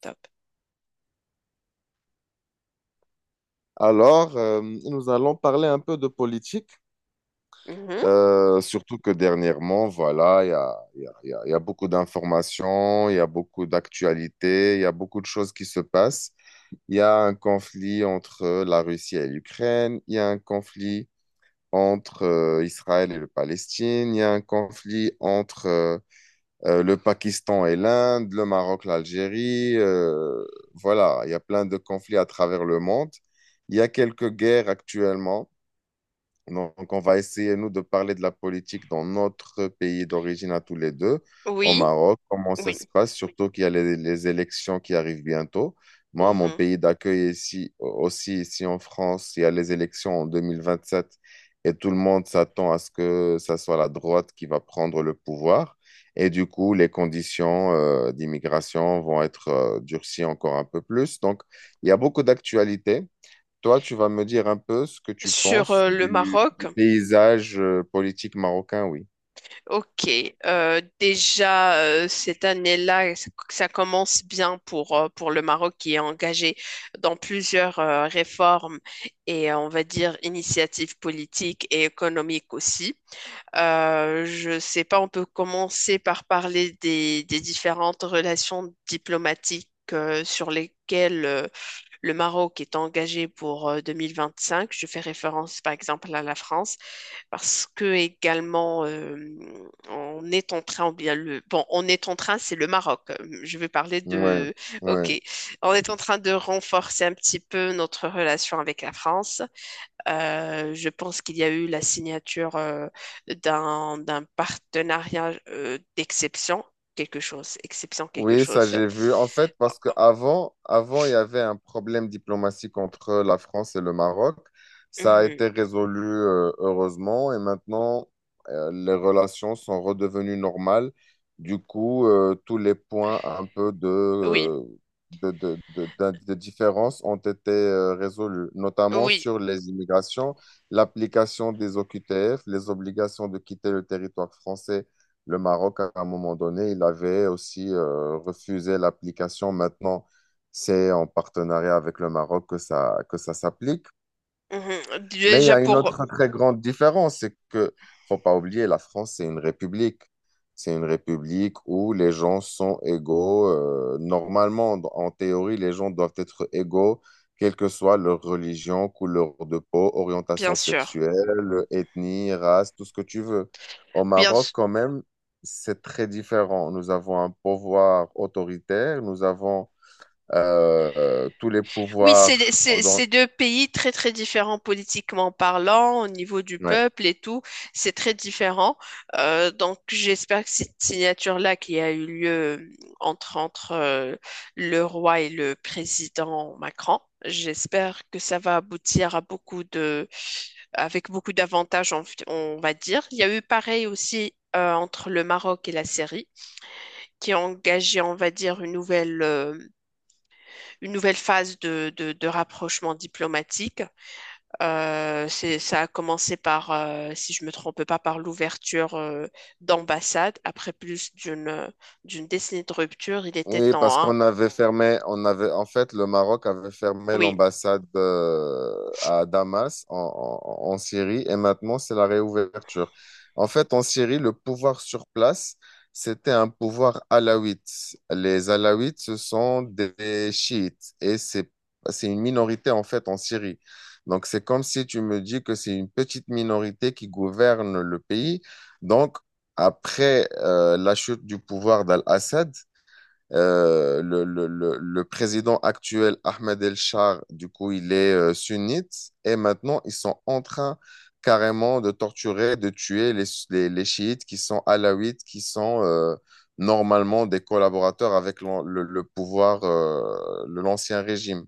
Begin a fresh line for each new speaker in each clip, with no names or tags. Top.
Nous allons parler un peu de politique,
Mhm.
surtout que dernièrement, voilà, il y a, il y a- il y a- il y a beaucoup d'informations, il y a beaucoup d'actualités, il y a beaucoup de choses qui se passent. Il y a un conflit entre la Russie et l'Ukraine, il y a un conflit entre Israël et le Palestine, il y a un conflit entre le Pakistan et l'Inde, le Maroc, l'Algérie, voilà, il y a plein de conflits à travers le monde. Il y a quelques guerres actuellement. Donc, on va essayer, nous, de parler de la politique dans notre pays d'origine à tous les deux, au
Oui,
Maroc, comment ça
oui.
se passe, surtout qu'il y a les élections qui arrivent bientôt. Moi, mon
Mhm.
pays d'accueil ici, aussi ici en France, il y a les élections en 2027 et tout le monde s'attend à ce que ça soit la droite qui va prendre le pouvoir. Et du coup, les conditions d'immigration vont être durcies encore un peu plus. Donc, il y a beaucoup d'actualités. Toi, tu vas me dire un peu ce que tu
Sur
penses
le
du,
Maroc,
du paysage politique marocain, oui.
ok. Déjà, cette année-là, ça commence bien pour le Maroc qui est engagé dans plusieurs réformes et, on va dire, initiatives politiques et économiques aussi. Je sais pas, on peut commencer par parler des différentes relations diplomatiques sur lesquelles le Maroc est engagé pour 2025. Je fais référence par exemple à la France parce que également on est en train, on est en train, c'est le Maroc. Je vais parler
Ouais,
de, ok,
ouais.
on est en train de renforcer un petit peu notre relation avec la France. Je pense qu'il y a eu la signature d'un partenariat d'exception, quelque chose, exception quelque
Oui, ça
chose.
j'ai vu. En fait, parce qu'avant il y avait un problème diplomatique entre la France et le Maroc. Ça a
Mhm.
été résolu, heureusement, et maintenant, les relations sont redevenues normales. Du coup, tous les points un peu de,
Oui,
euh, de, de, de- d'in- de différence ont été résolus, notamment
oui.
sur les immigrations, l'application des OQTF, les obligations de quitter le territoire français. Le Maroc, à un moment donné, il avait aussi refusé l'application. Maintenant, c'est en partenariat avec le Maroc que ça s'applique.
Mhm.
Mais il y
Déjà
a une
pour,
autre très grande différence, c'est que faut pas oublier, la France, c'est une république. C'est une république où les gens sont égaux. Normalement, en théorie, les gens doivent être égaux, quelle que soit leur religion, couleur de peau,
bien
orientation
sûr.
sexuelle, ethnie, race, tout ce que tu veux. Au
Bien
Maroc,
sûr.
quand même, c'est très différent. Nous avons un pouvoir autoritaire, nous avons tous les
Oui, c'est
pouvoirs.
c'est- c'est deux pays très très différents politiquement parlant, au niveau du
Ouais.
peuple et tout, c'est très différent. Donc j'espère que cette signature-là qui a eu lieu entre le roi et le président Macron, j'espère que ça va aboutir à beaucoup de, avec beaucoup d'avantages, on va dire. Il y a eu pareil aussi entre le Maroc et la Syrie, qui a engagé, on va dire, une nouvelle phase de rapprochement diplomatique. C'est, ça a commencé par, si je me trompe pas, par l'ouverture d'ambassades. Après d'une décennie de rupture, il était
Oui, parce
temps, hein.
qu'on avait fermé, on avait, en fait, le Maroc avait fermé
Oui,
l'ambassade à Damas, en Syrie, et maintenant c'est la réouverture. En fait, en Syrie, le pouvoir sur place, c'était un pouvoir alawite. Les alawites, ce sont des chiites, et c'est une minorité, en fait, en Syrie. Donc, c'est comme si tu me dis que c'est une petite minorité qui gouverne le pays. Donc, après la chute du pouvoir d'Al-Assad, le président actuel, Ahmed El-Shar, du coup, il est sunnite. Et maintenant, ils sont en train carrément de torturer, de tuer les chiites qui sont alaouites, qui sont normalement des collaborateurs avec le pouvoir, l'ancien régime.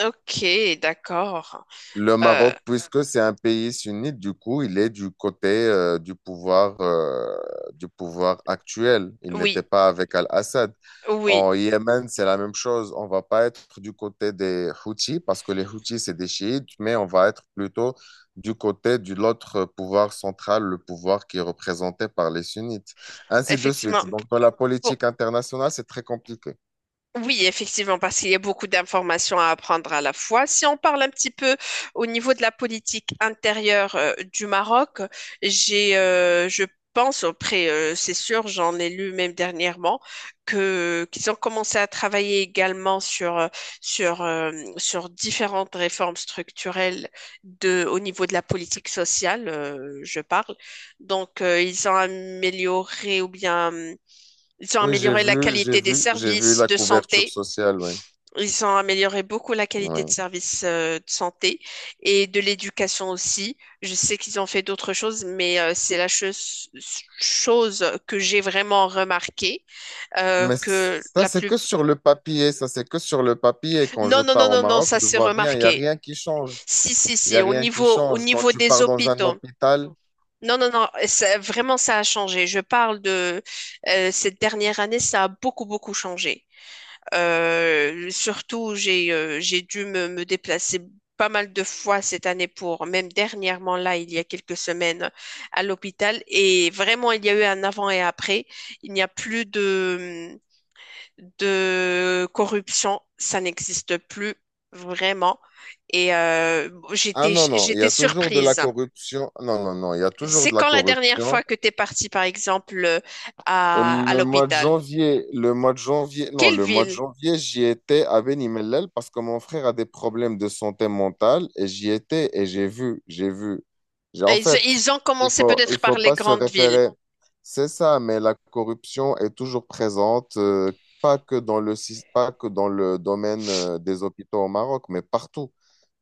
ok, d'accord.
Le
Euh,
Maroc, puisque c'est un pays sunnite, du coup, il est du côté du pouvoir actuel. Il
oui,
n'était pas avec Al-Assad.
oui,
En Yémen, c'est la même chose. On va pas être du côté des Houthis, parce que les Houthis, c'est des chiites, mais on va être plutôt du côté de l'autre pouvoir central, le pouvoir qui est représenté par les sunnites. Ainsi de
effectivement.
suite. Donc, dans la
Pour-
politique internationale, c'est très compliqué.
Oui, effectivement, parce qu'il y a beaucoup d'informations à apprendre à la fois. Si on parle un petit peu au niveau de la politique intérieure du Maroc, je pense, après, c'est sûr, j'en ai lu même dernièrement, que qu'ils ont commencé à travailler également sur euh, sur différentes réformes structurelles de au niveau de la politique sociale, je parle. Donc, ils ont amélioré ou bien ils ont
Oui, j'ai
amélioré la
vu, j'ai
qualité des
vu, j'ai vu
services
la
de
couverture
santé.
sociale, oui.
Ils ont amélioré beaucoup la qualité de
Oui.
service de santé et de l'éducation aussi. Je sais qu'ils ont fait d'autres choses, mais c'est la chose, chose que j'ai vraiment remarqué
Mais
que
ça,
la
c'est
plus...
que sur le papier, ça, c'est que sur le papier. Quand
Non,
je
non, non,
pars au
non, non,
Maroc, je
ça
ne
c'est
vois rien, il n'y a
remarqué.
rien qui change.
Si, si,
Il n'y a
si,
rien qui
au
change. Quand
niveau
tu
des
pars dans un
hôpitaux.
hôpital,
Non, non, non, ça- vraiment ça a changé. Je parle de cette dernière année, ça a beaucoup, beaucoup changé. Surtout, j'ai dû me déplacer pas mal de fois cette année pour, même dernièrement là, il y a quelques semaines à l'hôpital. Et vraiment, il y a eu un avant et après. Il n'y a plus de corruption. Ça n'existe plus vraiment. Et
ah non, non, il y
j'étais
a toujours de la
surprise.
corruption. Non, non, non, il y a toujours
C'est
de la
quand la dernière fois
corruption.
que tu es partie, par exemple, à
Le mois de
l'hôpital?
janvier, le mois de janvier, non,
Quelle
le mois de
ville?
janvier, j'y étais à Beni Mellel parce que mon frère a des problèmes de santé mentale et j'y étais et j'ai vu. J'ai, en
Ils,
fait,
ils ont
il
commencé
faut, il
peut-être
faut
par les
pas se
grandes villes.
référer. C'est ça, mais la corruption est toujours présente, pas que pas que dans le domaine, des hôpitaux au Maroc, mais partout.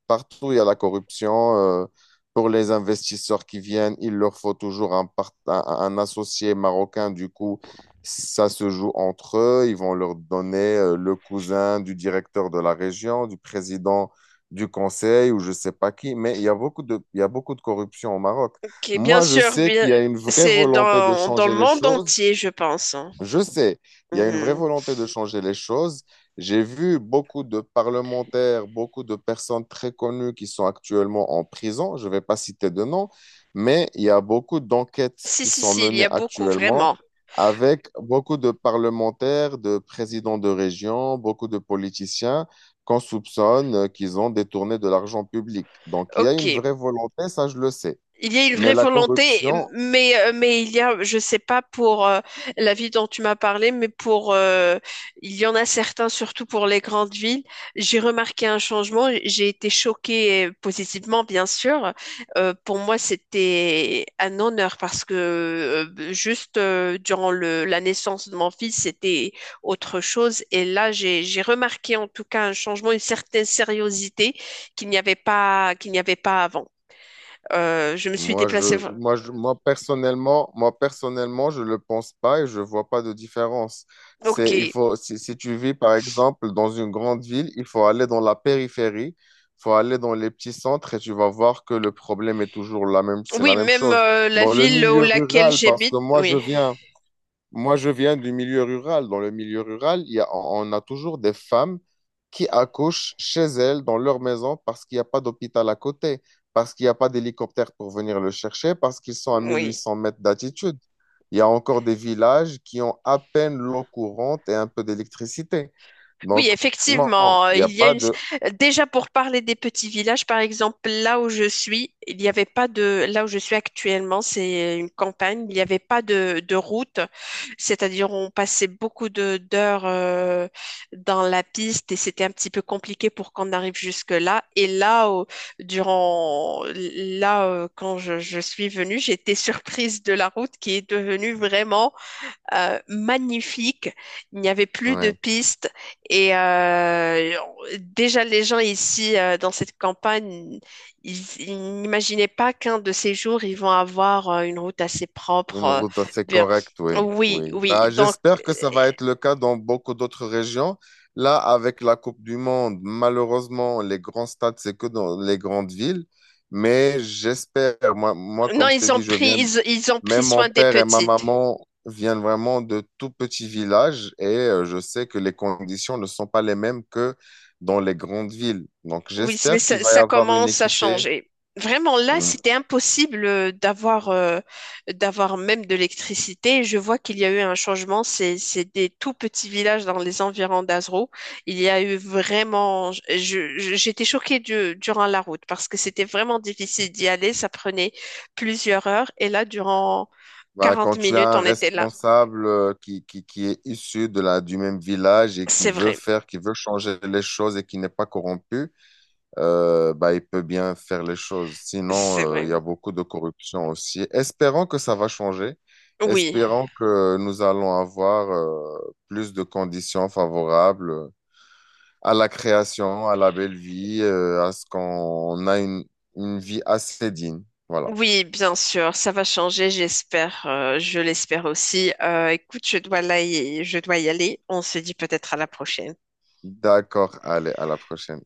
Partout, il y a la corruption. Pour les investisseurs qui viennent, il leur faut toujours un associé marocain. Du coup, ça se joue entre eux. Ils vont leur donner le cousin du directeur de la région, du président du conseil ou je sais pas qui. Mais il y a beaucoup de corruption au Maroc.
Qui, bien
Moi, je
sûr,
sais
bien,
qu'il y a une vraie
c'est
volonté de
dans le
changer les
monde
choses.
entier, je pense, hein.
Je sais, il y a une vraie
Mhm.
volonté de changer les choses. J'ai vu beaucoup de parlementaires, beaucoup de personnes très connues qui sont actuellement en prison. Je ne vais pas citer de nom, mais il y a beaucoup d'enquêtes
Si,
qui
si,
sont
si, il y
menées
a beaucoup,
actuellement
vraiment.
avec beaucoup de parlementaires, de présidents de région, beaucoup de politiciens qu'on soupçonne qu'ils ont détourné de l'argent public. Donc, il y a
Ok.
une vraie volonté, ça je le sais.
Il y a une
Mais
vraie
la
volonté,
corruption,
mais il y a, je sais pas pour la ville dont tu m'as parlé, mais pour, il y en a certains, surtout pour les grandes villes. J'ai remarqué un changement. J'ai été choquée positivement, bien sûr. Pour moi, c'était un honneur parce que juste durant la naissance de mon fils, c'était autre chose. Et là, j'ai remarqué en tout cas un changement, une certaine sériosité qu'il n'y avait pas, qu'il n'y avait pas avant. Je me suis
Moi,
déplacée.
je,
Vra-
moi, je, moi, personnellement, je le pense pas et je vois pas de différence.
Ok.
Il faut, si tu vis, par exemple, dans une grande ville, il faut aller dans la périphérie, il faut aller dans les petits centres et tu vas voir que le problème est toujours la même, c'est
Oui,
la même
même
chose.
la
Dans le
ville où
milieu
laquelle
rural, parce
j'habite.
que
Oui,
moi, je viens du milieu rural. Dans le milieu rural, on a toujours des femmes qui accouchent chez elles, dans leur maison, parce qu'il n'y a pas d'hôpital à côté, parce qu'il n'y a pas d'hélicoptère pour venir le chercher, parce qu'ils sont à mille huit
oui.
cents mètres d'altitude. Il y a encore des villages qui ont à peine l'eau courante et un peu d'électricité.
Oui,
Donc, non,
effectivement,
il n'y a
il y a
pas
une...
de...
Déjà pour parler des petits villages, par exemple, là où je suis, il n'y avait pas de... Là où je suis actuellement, c'est une campagne, il n'y avait pas de route, c'est-à-dire on passait beaucoup d'heures dans la piste et c'était un petit peu compliqué pour qu'on arrive jusque-là. Et là, au- durant... Là, quand je suis venue, j'étais surprise de la route qui est devenue vraiment magnifique. Il n'y avait plus de
Ouais.
pistes et déjà les gens ici dans cette campagne, ils n'imaginaient pas qu'un de ces jours ils vont avoir une route assez propre.
Une route assez
Bien,
correcte, oui,
oui,
oui.
oui.
Bah,
Donc euh,
j'espère que ça va être le cas dans beaucoup d'autres régions. Là, avec la Coupe du Monde, malheureusement, les grands stades, c'est que dans les grandes villes. Mais j'espère,
non,
comme je
ils
t'ai
ont
dit,
pris, ils ont pris
même mon
soin des
père et ma
petites.
maman viennent vraiment de tout petits villages et je sais que les conditions ne sont pas les mêmes que dans les grandes villes. Donc,
Oui, mais
j'espère qu'il
ça,
va y
ça
avoir une
commence à
équité.
changer. Vraiment, là,
Mm.
c'était impossible d'avoir même de l'électricité. Je vois qu'il y a eu un changement. C'est des tout petits villages dans les environs d'Azrou. Il y a eu vraiment. J'étais choquée du- durant la route parce que c'était vraiment difficile d'y aller. Ça prenait plusieurs heures. Et là, durant
Bah,
40
quand tu as
minutes,
un
on était là.
responsable qui est issu de la, du même village et qui
C'est
veut
vrai.
faire, qui veut changer les choses et qui n'est pas corrompu, bah, il peut bien faire les choses.
C'est
Sinon, il
vrai.
y a beaucoup de corruption aussi. Espérons que ça va changer.
Oui.
Espérons que nous allons avoir plus de conditions favorables à la création, à la belle vie, à ce qu'on une vie assez digne. Voilà.
Oui, bien sûr, ça va changer, j'espère, je l'espère aussi. Écoute, je dois là y- je dois y aller. On se dit peut-être à la prochaine.
D'accord. Allez, à la prochaine.